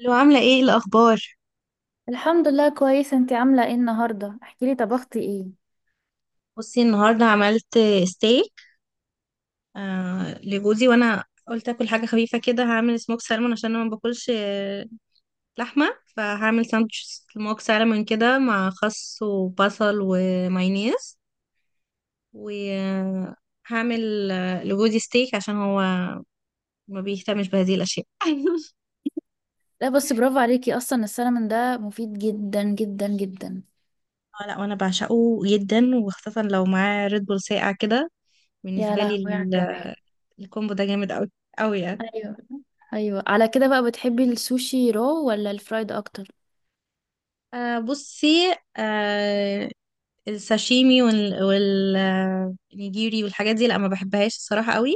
لو عاملة ايه الأخبار؟ الحمد لله كويسة. انتي عاملة ايه النهاردة؟ احكيلي طبختي ايه؟ بصي، النهاردة عملت ستيك لجوزي، وأنا قلت أكل حاجة خفيفة كده، هعمل سموك سالمون عشان أنا ما باكلش لحمة، فهعمل ساندوتش سموك سالمون كده مع خس وبصل ومايونيز. وهعمل لجوزي ستيك عشان هو ما بيهتمش بهذه الأشياء. لا بس برافو عليكي، اصلا السلمون ده مفيد جدا جدا جدا. لا، وأنا بعشقه جدا، وخاصة لو معاه ريد بول ساقع كده. يا بالنسبة لي لهوي على الجمال. الكومبو ده جامد أوي، أوي يعني. ايوه ايوه، على كده بقى بتحبي السوشي رو ولا الفرايد اكتر؟ بصي، الساشيمي والنيجيري والحاجات دي، لا، ما بحبهاش الصراحة قوي.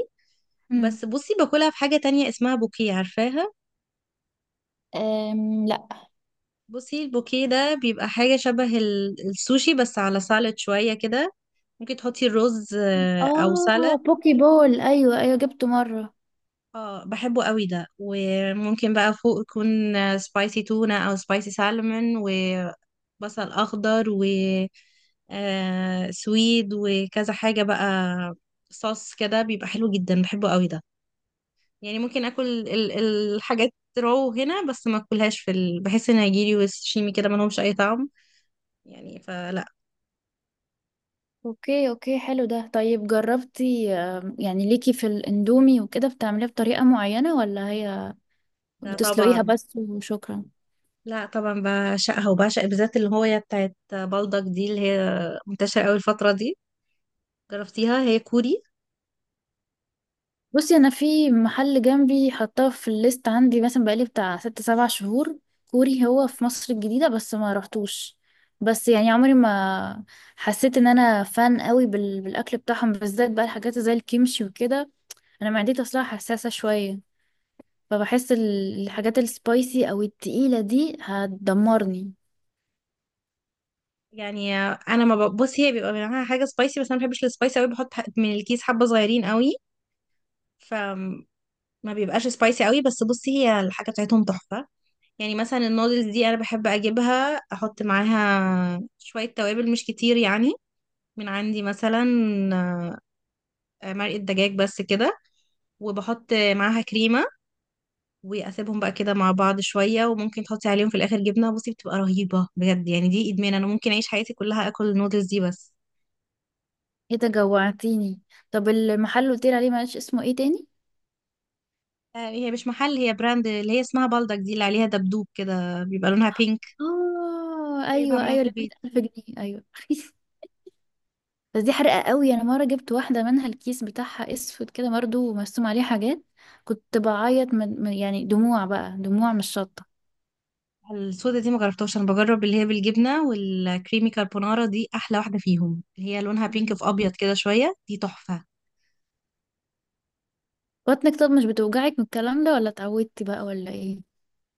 بس امم. بصي، باكلها في حاجة تانية اسمها بوكيه، عارفاها؟ لا. بصي، البوكيه ده بيبقى حاجة شبه السوشي، بس على سالاد شوية كده. ممكن تحطي الرز، أو سالاد. اه، بوكي بول، ايوه ايوه جبته مرة. اه، بحبه قوي ده. وممكن بقى فوق يكون سبايسي تونة او سبايسي سالمون وبصل اخضر و سويد، وكذا حاجة بقى، صوص كده بيبقى حلو جدا، بحبه قوي ده. يعني ممكن اكل الحاجات رو هنا، بس ما اكلهاش في بحس ان هيجيلي وشيمي كده، ما لهمش اي طعم يعني، فلا. اوكي اوكي، حلو ده. طيب جربتي، يعني ليكي في الاندومي وكده بتعمليه بطريقة معينة، ولا هي ده بتسلقيها طبعا. بس وشكرا؟ لا طبعا، بعشقها، وبعشق بالذات اللي هو هي بتاعت بلدك دي، اللي هي منتشرة قوي الفترة دي. جربتيها؟ هي كوري. بصي، انا في محل جنبي حطاه في الليست عندي مثلا بقالي بتاع ست سبع شهور، كوري، هو في مصر الجديدة بس ما رحتوش. بس يعني عمري ما حسيت ان انا فان قوي بالاكل بتاعهم، بالذات بقى الحاجات زي الكيمشي وكده. انا معدتي اصلا حساسة شوية، فبحس الحاجات السبايسي او التقيلة دي هتدمرني. يعني انا ما ب- بص، هي بيبقى معاها حاجه سبايسي، بس انا ما بحبش السبايسي قوي، بحط من الكيس حبه صغيرين قوي، فما بيبقاش سبايسي قوي. بس بصي، هي الحاجه بتاعتهم تحفه يعني. مثلا النودلز دي انا بحب اجيبها، احط معاها شويه توابل مش كتير يعني، من عندي مثلا مرقه دجاج، بس كده. وبحط معاها كريمه، واسيبهم بقى كده مع بعض شويه. وممكن تحطي عليهم في الاخر جبنه، بصي، بتبقى رهيبه بجد يعني. دي ادمان، انا ممكن اعيش حياتي كلها اكل النودلز دي بس. ايه ده جوعتيني. طب المحل اللي قلت عليه معلش اسمه ايه تاني؟ هي مش محل، هي براند اللي هي اسمها بلدك دي، اللي عليها دبدوب كده، بيبقى لونها بينك. اه هي ايوه بعملها في ايوه، البيت. 100,000 جنيه، ايوه بس دي حرقة قوي، انا مرة جبت واحدة منها، الكيس بتاعها اسود كده برضه ومرسوم عليه حاجات، كنت بعيط يعني دموع بقى، دموع مش شطة. السودة دي ما جربتهاش. انا بجرب اللي هي بالجبنه والكريمي كاربونارا، دي احلى واحده فيهم، اللي هي لونها بينك مم. في ابيض كده شويه، دي تحفه. بطنك طب مش بتوجعك من الكلام ده ولا اتعودتي بقى ولا ايه؟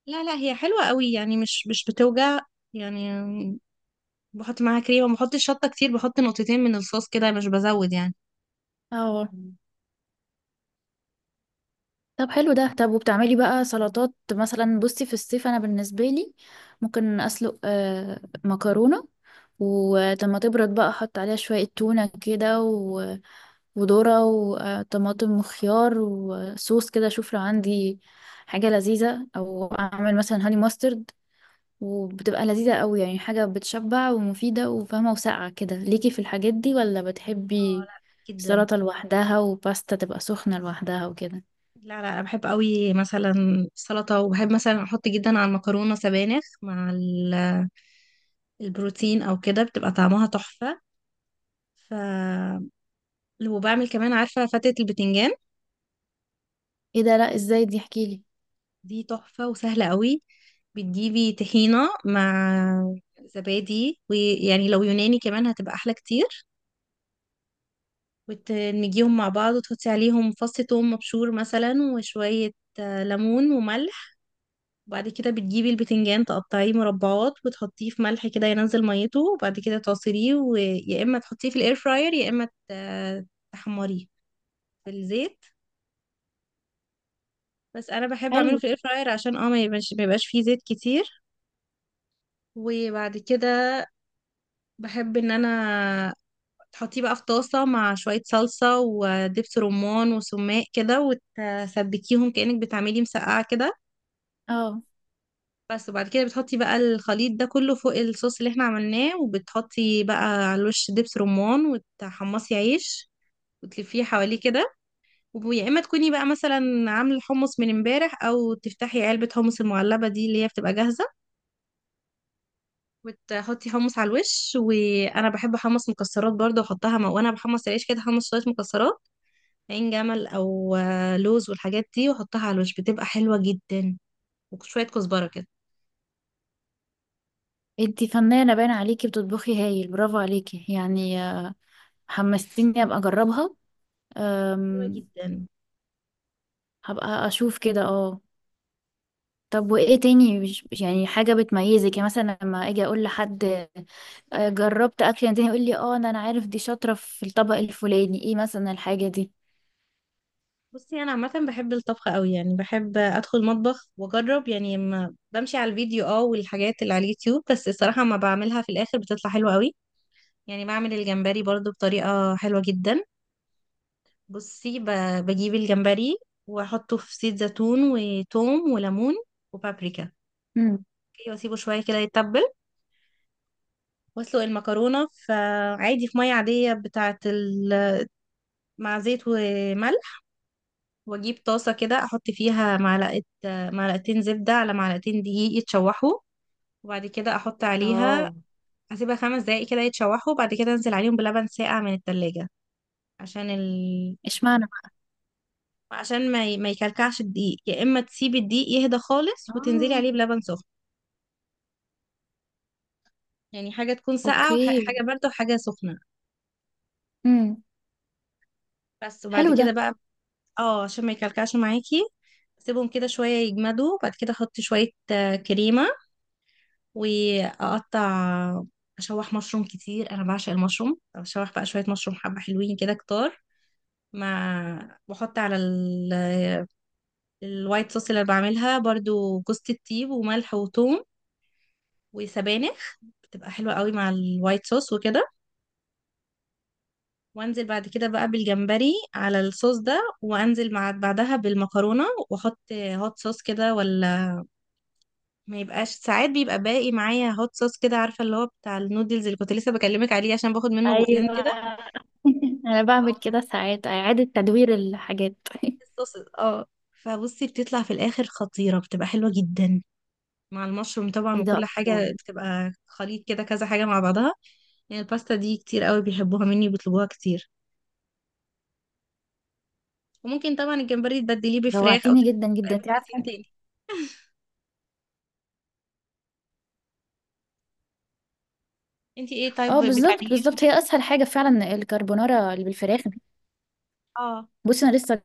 لا لا، هي حلوه قوي يعني، مش بتوجع يعني. بحط معاها كريمه، ما بحطش شطه كتير، بحط نقطتين من الصوص كده، مش بزود يعني. اه. طب حلو ده. طب وبتعملي بقى سلطات مثلا؟ بصي في الصيف انا بالنسبه لي ممكن اسلق مكرونه، ولما تبرد بقى احط عليها شويه تونه كده وذرة وطماطم وخيار وصوص كده، اشوف لو عندي حاجة لذيذة، او اعمل مثلا هاني ماسترد، وبتبقى لذيذة قوي يعني، حاجة بتشبع ومفيدة وفاهمة وساقعة. كده ليكي في الحاجات دي، ولا اه. بتحبي لا. جدا. سلطة لوحدها وباستا تبقى سخنة لوحدها وكده؟ لا لا، انا بحب قوي مثلا السلطه. وبحب مثلا احط جدا على المكرونه سبانخ مع البروتين او كده، بتبقى طعمها تحفه. ف وبعمل كمان، عارفه فتة البتنجان؟ ايه ده، لا ازاي دي؟ احكيلي. دي تحفه وسهله قوي. بتجيبي طحينه مع زبادي، ويعني لو يوناني كمان هتبقى احلى كتير، وتدمجيهم مع بعض، وتحطي عليهم فص ثوم مبشور مثلا، وشويه ليمون وملح. وبعد كده بتجيبي البتنجان، تقطعيه مربعات وتحطيه في ملح كده، ينزل ميته، وبعد كده تعصريه، ويا اما تحطيه في الاير فراير، يا اما تحمريه في الزيت. بس انا بحب اعمله حلو، في الاير فراير، عشان ما يبقاش فيه زيت كتير. وبعد كده بحب ان انا تحطيه بقى في طاسة مع شوية صلصة ودبس رمان وسماق كده، وتسبكيهم كأنك بتعملي مسقعة كده. اه. بس، وبعد كده بتحطي بقى الخليط ده كله فوق الصوص اللي احنا عملناه، وبتحطي بقى على الوش دبس رمان، وتحمصي عيش وتلفيه حواليه كده. ويا اما تكوني بقى مثلا عامله الحمص من امبارح، او تفتحي علبه حمص المعلبه دي اللي هي بتبقى جاهزه، وتحطي حمص على الوش. وانا بحب احمص مكسرات برضه، احطها مع-، وانا بحمص العيش كده، احمص شويه مكسرات، عين جمل او لوز والحاجات دي، واحطها على الوش، بتبقى حلوه جدا، وشويه كزبره كده. انتي فنانة باين عليكي، بتطبخي هايل، برافو عليكي يعني. حمستيني ابقى اجربها. حلوه أم، جدا. هبقى اشوف كده، اه. طب وايه تاني، مش يعني حاجة بتميزك؟ يعني مثلا لما اجي اقول لحد، جربت اكل يعني، تاني يقول لي اه انا عارف دي شاطرة في الطبق الفلاني، ايه مثلا الحاجة دي؟ بصي، انا عامه بحب الطبخ قوي يعني، بحب ادخل مطبخ واجرب يعني. ما بمشي على الفيديو والحاجات اللي على اليوتيوب، بس الصراحه ما بعملها في الاخر بتطلع حلوه قوي. يعني بعمل الجمبري برضو بطريقه حلوه جدا. بصي، بجيب الجمبري واحطه في زيت زيتون وتوم وليمون وبابريكا. امم. اوكي، واسيبه شويه كده يتبل، واسلق المكرونه في، عادي، في ميه عاديه مع زيت وملح. واجيب طاسه كده، احط فيها معلقه، معلقتين زبده على معلقتين دقيق يتشوحوا، وبعد كده احط عليها، اه. اسيبها 5 دقايق كده يتشوحوا، وبعد كده انزل عليهم بلبن ساقع من التلاجة، عشان اشمعنى بقى؟ عشان ما يكلكعش الدقيق. يا اما تسيبي الدقيق يهدى خالص وتنزلي اه. عليه بلبن سخن، يعني حاجه تكون ساقعه اوكي. وحاجه بارده وحاجه سخنه، امم. بس. وبعد حلو ده. كده بقى، اه عشان ما يكلكعش معاكي، سيبهم كده شويه يجمدوا، وبعد كده احط شويه كريمه واقطع، اشوح مشروم كتير، انا بعشق المشروم، اشوح بقى شويه مشروم حبه حلوين كده كتار. مع بحط على الوايت صوص اللي أنا بعملها برضو، جوز الطيب وملح وثوم وسبانخ، بتبقى حلوه قوي مع الوايت صوص وكده. وانزل بعد كده بقى بالجمبري على الصوص ده، وانزل مع بعدها بالمكرونه، واحط هوت صوص كده، ولا ما يبقاش. ساعات بيبقى باقي معايا هوت صوص كده، عارفه اللي هو بتاع النودلز اللي كنت لسه بكلمك عليه، عشان باخد منه بقين ايوه كده، انا او بعمل كده تحت ساعات، اعادة تدوير الحاجات الصوص فبصي، بتطلع في الاخر خطيره، بتبقى حلوه جدا مع المشروم طبعا، ايه وكل ده، حاجه الله. بتبقى خليط كده كذا حاجه مع بعضها. يعني الباستا دي كتير قوي بيحبوها مني وبيطلبوها كتير. وممكن طبعا الجمبري تبدليه بفراخ او جوعتيني جدا جدا تبدليه انت بروتين عارفة. تاني. انتي ايه طيب اه بالظبط بتعمليه عشان-؟ بالظبط، هي اسهل حاجة فعلا الكربونارا اللي بالفراخ. اه. بصي انا لسه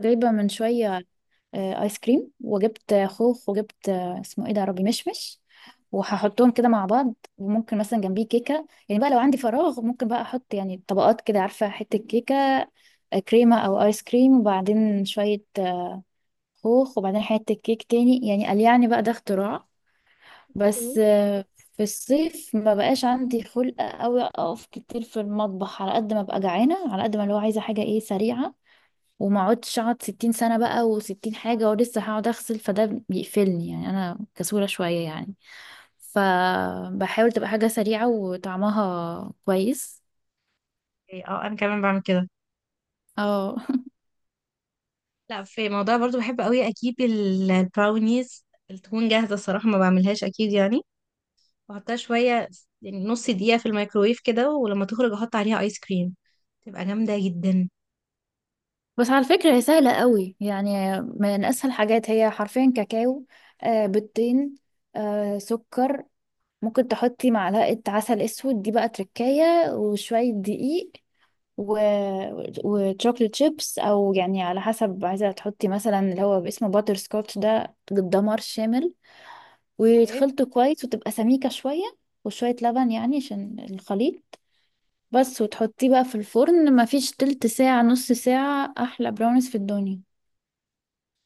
جايبة من شوية ايس كريم، وجبت خوخ، وجبت، اسمه ايه ده يا ربي، مشمش. وهحطهم كده مع بعض، وممكن مثلا جنبيه كيكه، يعني بقى لو عندي فراغ ممكن بقى احط يعني طبقات كده، عارفه، حته كيكه، كريمه او ايس كريم، وبعدين شويه خوخ، وبعدين حته كيك تاني، يعني قال يعني بقى ده اختراع. بس في الصيف ما بقاش عندي خلق قوي اقف كتير في المطبخ، على قد ما ببقى جعانه، على قد ما اللي هو عايزه حاجه ايه، سريعه، وما اقعدش اقعد 60 سنة بقى و60 حاجة ولسه هقعد اغسل، فده بيقفلني، يعني انا كسولة شوية يعني، فبحاول تبقى حاجة سريعة وطعمها كويس. إيه، انا كمان بعمل كده. اه لا، في موضوع برضو بحب قوي اجيب البراونيز التكون جاهزه، الصراحه ما بعملهاش اكيد يعني، واحطها شوية يعني نص دقيقة في الميكروويف كده، ولما تخرج احط عليها ايس كريم، تبقى جامدة جدا. بس على فكرة هي سهلة قوي يعني، من اسهل حاجات، هي حرفيا كاكاو، بيضتين، سكر، ممكن تحطي معلقة عسل اسود دي بقى تركاية، وشوية دقيق، و... وتشوكلت شيبس، او يعني على حسب عايزه تحطي، مثلا اللي هو باسمه باتر سكوتش ده دمار شامل، ايه، وتخلطه كويس وتبقى سميكه شويه، وشويه لبن يعني عشان الخليط، بس، وتحطيه بقى في الفرن ما فيش تلت ساعه نص ساعه، احلى براونيز في الدنيا.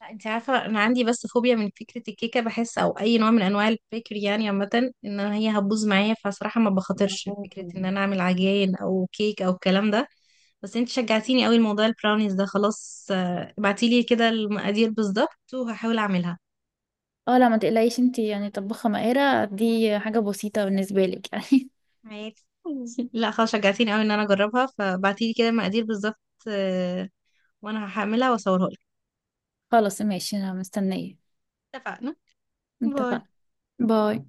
لا، انت عارفة، انا عندي بس فوبيا من فكرة الكيكة، بحس او اي نوع من انواع البيكري يعني عامة، ان أنا هي هتبوظ معايا، فصراحة ما بخاطرش آه. فكرة ان انا اعمل عجين او كيك او الكلام ده. بس انت شجعتيني قوي، الموضوع البراونيز ده خلاص، ابعتيلي كده المقادير بالظبط وهحاول اعملها اه لا ما تقلقيش انتي يعني طباخه ماهره، دي حاجه بسيطه بالنسبه لك يعني. معاك. لا خلاص، شجعتيني قوي ان انا اجربها، فبعتيلي كده المقادير بالظبط، آه، وانا هعملها واصورها. خلاص ماشي انا مستنيه. اتفقنا. باي. اتفقنا. باي.